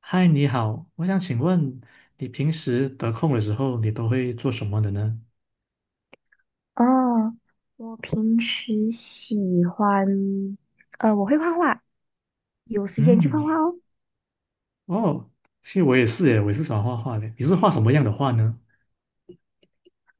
嗨，你好，我想请问你平时得空的时候，你都会做什么的呢？哦，我平时喜欢，我会画画，有时间就嗯，画画哦。哦，其实我也是耶，我也是喜欢画画的。你是画什么样的画呢？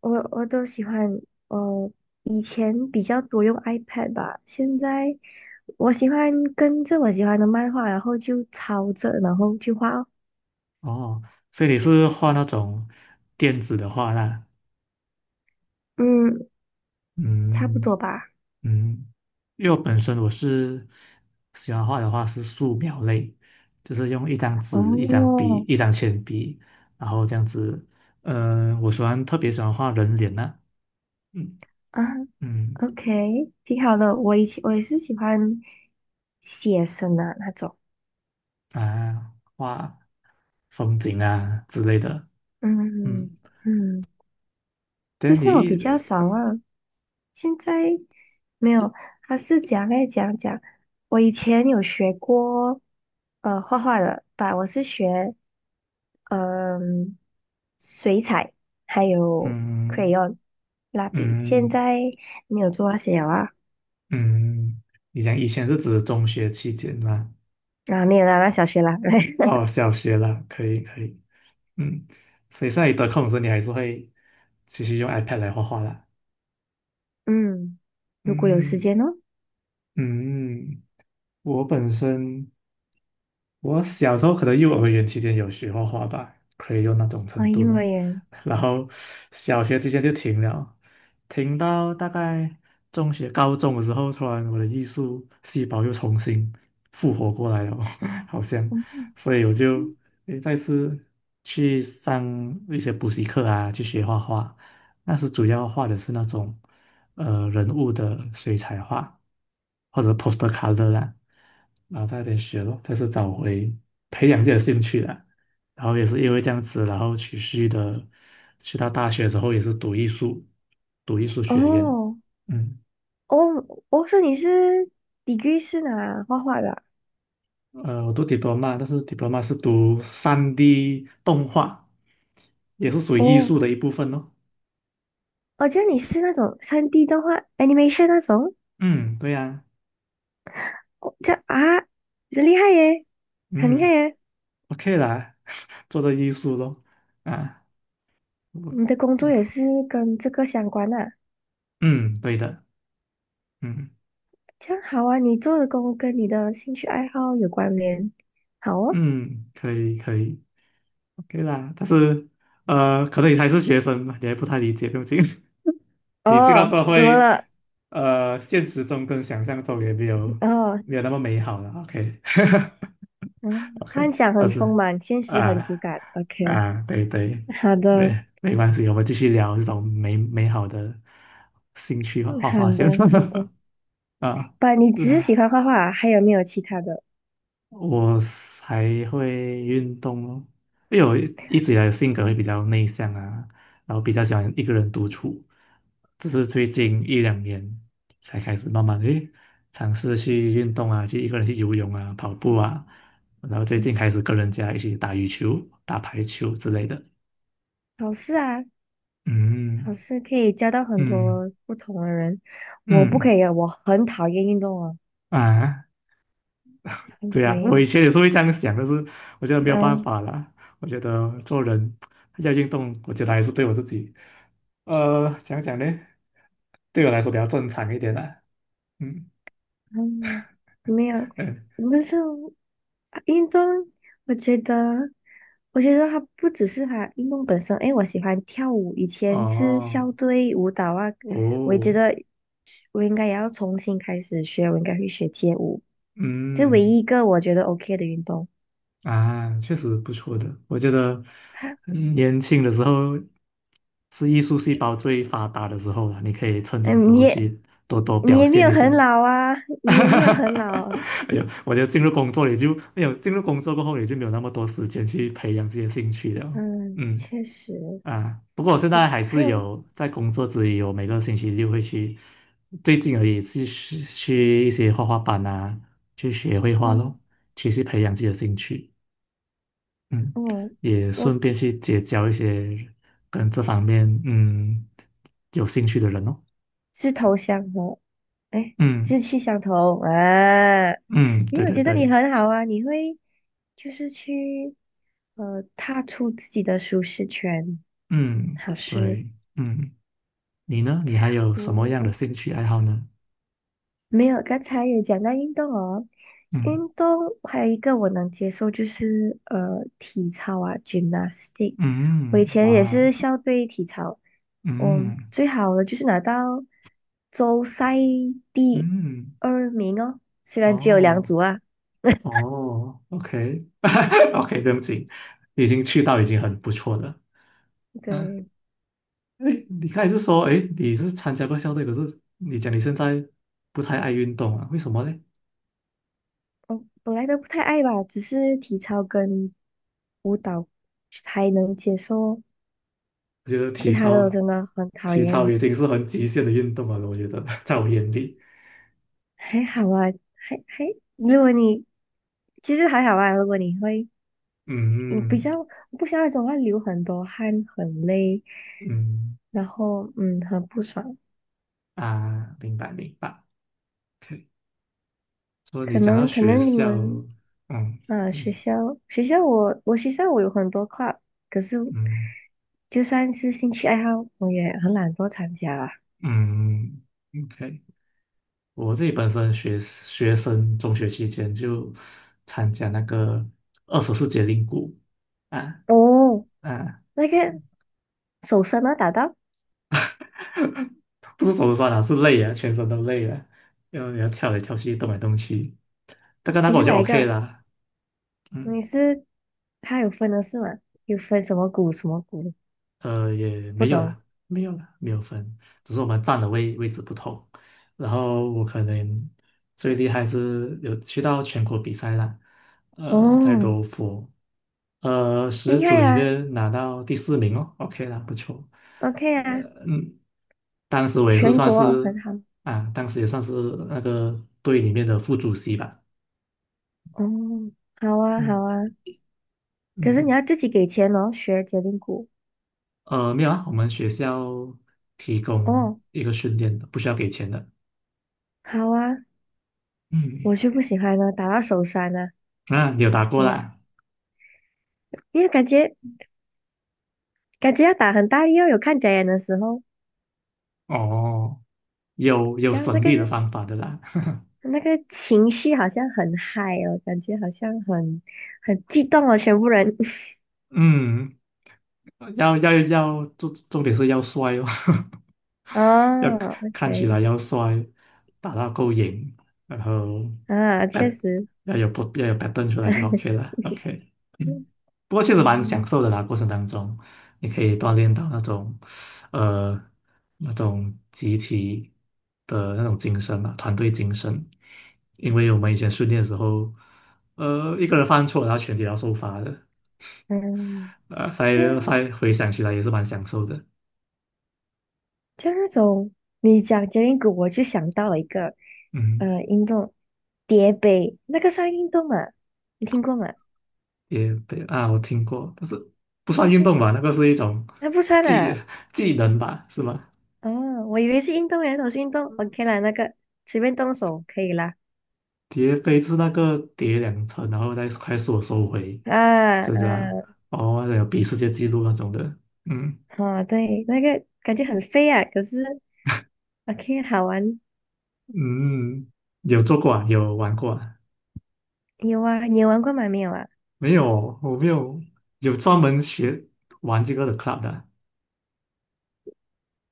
我都喜欢，呃，以前比较多用 iPad 吧，现在我喜欢跟着我喜欢的漫画，然后就抄着，然后去画哦。哦，所以你是画那种电子的画啦。嗯，差不嗯多吧。嗯，因为我本身我是喜欢画的话是素描类，就是用一张纸、一张笔、哦，一张铅笔，然后这样子。嗯、我特别喜欢画人脸呐、嗯啊嗯，OK，挺好的。我以前我也是喜欢写生的那种。啊，画。风景啊之类的。嗯，嗯嗯。可但你是我比一较少啊，现在没有。他是讲来讲讲，我以前有学过画画的吧，我是学嗯、水彩还有 嗯 crayon 蜡笔，现嗯在没有做那些了啊。嗯，嗯嗯你讲以前是指中学期间啦，啊，没有啦，那小学啦。哦，小学啦，可以可以，嗯，所以现在你得空的时候，你还是会继续用 iPad 来画画啦。嗯，如果有时嗯间哦。嗯，嗯我本身。我小时候可能幼儿园期间有学画画吧，可以用那种啊，程度幼儿咯。园。然后小学期间就停了，停到大概中学、高中的时候，突然我的艺术细胞又重新复活过来了，好像，嗯所以我就嗯。诶再次去上一些补习课啊，去学画画。那时主要画的是那种。人物的水彩画或者 poster color 啦，然后在那边学咯，再次找回培养自己的兴趣啦。然后也是因为这样子，然后持续的去到大学之后也是读艺术，读艺术学院。哦嗯，哦，我说你是 degree 是哪画画的啊？我读 diploma，但是 diploma 是读3D 动画，也是属于艺哦。术的一部分咯。哦，这样你是那种3D 动画 animation 那种？嗯，对呀、哦，这样啊，这厉害耶，很厉害嗯耶！，OK 啦，做做艺术咯，啊，我你的工作也是跟这个相关啊，嗯，对的。嗯这样好啊，你做的工跟你的兴趣爱好有关联，好哦。嗯，可以可以，OK 啦。但是可能你还是学生嘛，你还不太理解，毕竟 你进到哦，社怎么会，了？现实中跟想象中也没有哦，那么美好了。OK 嗯，幻 OK，想但很丰是满，现实很骨啊感。OK，啊，对对，好的，没关系，我们继续聊这种美好的兴趣和画好画先 的，好的。啊。不，你只是喜欢画画啊还有没有其他的？我还会运动咯，因为我一直以来的性格会嗯比较内向啊，然后比较喜欢一个人独处，只是最近一两年才开始慢慢的尝试去运动啊，去一个人去游泳啊、跑步啊，然后最近嗯，开始跟人家一起打羽球、打排球之类的。好事啊。老嗯师可以交到很嗯多不同的人，我不嗯可以，啊，我很讨厌运动啊，啊，很对讨呀、我以厌。前也是会这样想，但是我觉得没有办嗯法啦。我觉得做人要运动，我觉得还是对我自己，讲讲呢，对我来说比较正常一点啦。嗯嗯，没有，嗯，不是运动，我觉得，我觉得它不只是它运动本身，诶，我喜欢跳舞，以前是哦校队舞蹈啊，我也觉哦，得我应该也要重新开始学，我应该会学街舞，这唯嗯一一个我觉得 OK 的运动。啊，确实不错的。我觉得 年轻的时候是艺术细胞最发达的时候了，你可以趁这个时嗯，你候也去多多你表也没现有一很下。老啊，哈你也哈没有哈！很老。哎呦，我觉得进入工作过后也就没有那么多时间去培养自己的兴趣了。嗯，嗯确实。啊，不过我现我在还还是有，有在工作之余，我每个星期六会去，最近而已去一些画画班啊，去学绘画咯，嗯，其实培养自己的兴趣。嗯，哦，也我顺便志去结交一些跟这方面有兴趣的人哦。志头相头，哎，嗯志趣相投啊！嗯，你对有对觉得你对，很好啊？你会就是去踏出自己的舒适圈，嗯好事。对嗯。你呢？你还有什么样的我兴趣爱好呢？没有，刚才有讲到运动哦，嗯运动还有一个我能接受就是体操啊，gymnastic。我嗯，以前也哇，是校队体操，嗯，嗯最好的就是拿到州赛第嗯，二名哦，虽然只有两哦组啊。哦，OK OK，对不起，已经很不错了。嗯，对，哎，你刚才是说，哎，你是参加过校队，可是你讲你现在不太爱运动啊？为什么呢？我本来都不太爱吧，只是体操跟舞蹈还能接受，我觉得其他的我真的很讨体操厌。已经是很极限的运动了，我觉得 在我眼里，还好啊，还还，如果你其实还好啊，如果你会，你比较嗯不像那种会流很多汗、很累，嗯然后很不爽。啊，明白明白。OK 说你可讲到能可学能你校，们嗯，你学校我有很多课，可是嗯就算是兴趣爱好，我也很懒惰参加啊。嗯，OK，我自己本身学生中学期间就参加那个二十四节令鼓啊哦，啊，那个手酸吗？打到不是手酸啊，是累啊，全身都累了，因为你要跳来跳去，动来动去，大概那你个是我就 哪一 OK 个？啦，嗯。你是他有分的是吗？有分什么鼓什么鼓？也不没有懂。啦，没有啦，没有分，只是我们站的位置不同。然后我可能最厉害是有去到全国比赛啦，在哦，柔佛，十厉害组里呀面拿到第四名哦，OK 啦，不错。，OK 啊，嗯，当时我也是全算国很是好。当时也算是那个队里面的副主席吧。哦，好啊，好嗯啊，可是你嗯，要自己给钱哦，学结冰鼓。没有啊，我们学校提供哦，一个训练的，不需要给钱的。好啊，我嗯。就不喜欢呢，打到手酸呢，啊，你有打怎过么样？啦？因为感觉要打很大力哦，有看表演的时候，哦，有然后那省个力的方法的啦。那个情绪好像很嗨哦，感觉好像很激动哦，全部人。嗯，要，重点是要帅哦，要哦看起，OK，来要帅，打到够瘾，然后啊，确实。不要有 pattern 出来就 OK 了。OK，不过确实蛮享嗯受的啦，过程当中你可以锻炼到那种，呃，那种集体的那种精神啊，团队精神。因为我们以前训练的时候，一个人犯错，然后全体要受罚的，嗯。所在这，现在回想起来也是蛮享受的。就那种你讲杰林谷，我就想到了一个嗯，运动，叠杯，那个算运动吗？你听过吗？也对啊，我听过，但是不那算运个，动吧，那个是一种那不算技啊。技能吧，是吗？哦，我以为是运动员，我是运动，OK 啦，那个随便动手可以啦。叠杯就是那个叠2层，然后再快速地收回，啊，真的啊，哦，还有比世界纪录那种的，嗯啊，哦，对，那个感觉很飞啊，可是 OK 好玩。嗯，有做过啊，有玩过啊，你有啊？你有玩过吗？没有啊？没有，我没有有专门学玩这个的 club 的啊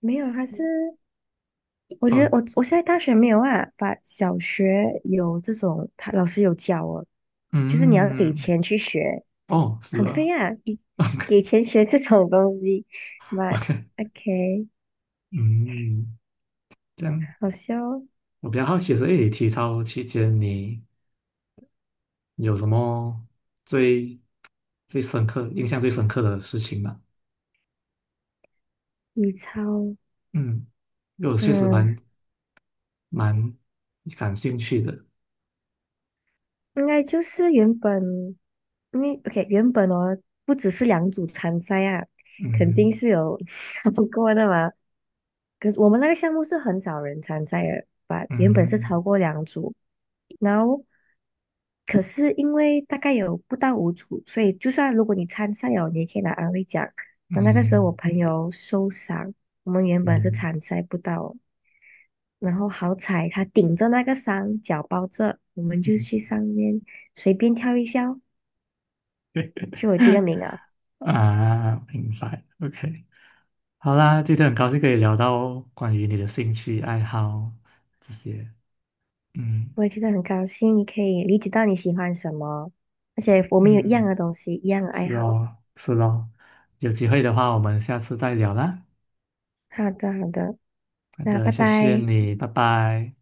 没有，它是。我觉得哦，我现在大学没有啊，把小学有这种，他老师有教哦，就是你要给嗯，钱去学，哦，是很费啊 啊，给钱学这种东西。But ，OK，OK，嗯，这样好笑哦。我比较好奇的是，诶，你体操期间你有什么最最深刻、印象最深刻的事情吗？你超，嗯，因为我确实嗯。蛮感兴趣的。应该就是原本，因为 OK 原本哦，不只是两组参赛啊，肯定嗯是有 超过的嘛。可是我们那个项目是很少人参赛的，把原本是嗯超过两组，然后可是因为大概有不到五组，所以就算如果你参赛哦，你也可以拿安慰奖。那那个时候我嗯朋友受伤，我们原本是嗯参赛不到，然后好彩他顶着那个山，脚包着，我们就去上面随便跳一下哦就有第二嗯 名啊！啊，明白。OK，好啦，今天很高兴可以聊到关于你的兴趣爱好这些。嗯我也觉得很高兴，你可以理解到你喜欢什么，而且我们有一样嗯，的东西，一样的爱是好。哦是哦，有机会的话我们下次再聊啦。好的，好的，好那的，拜谢谢拜。你，拜拜。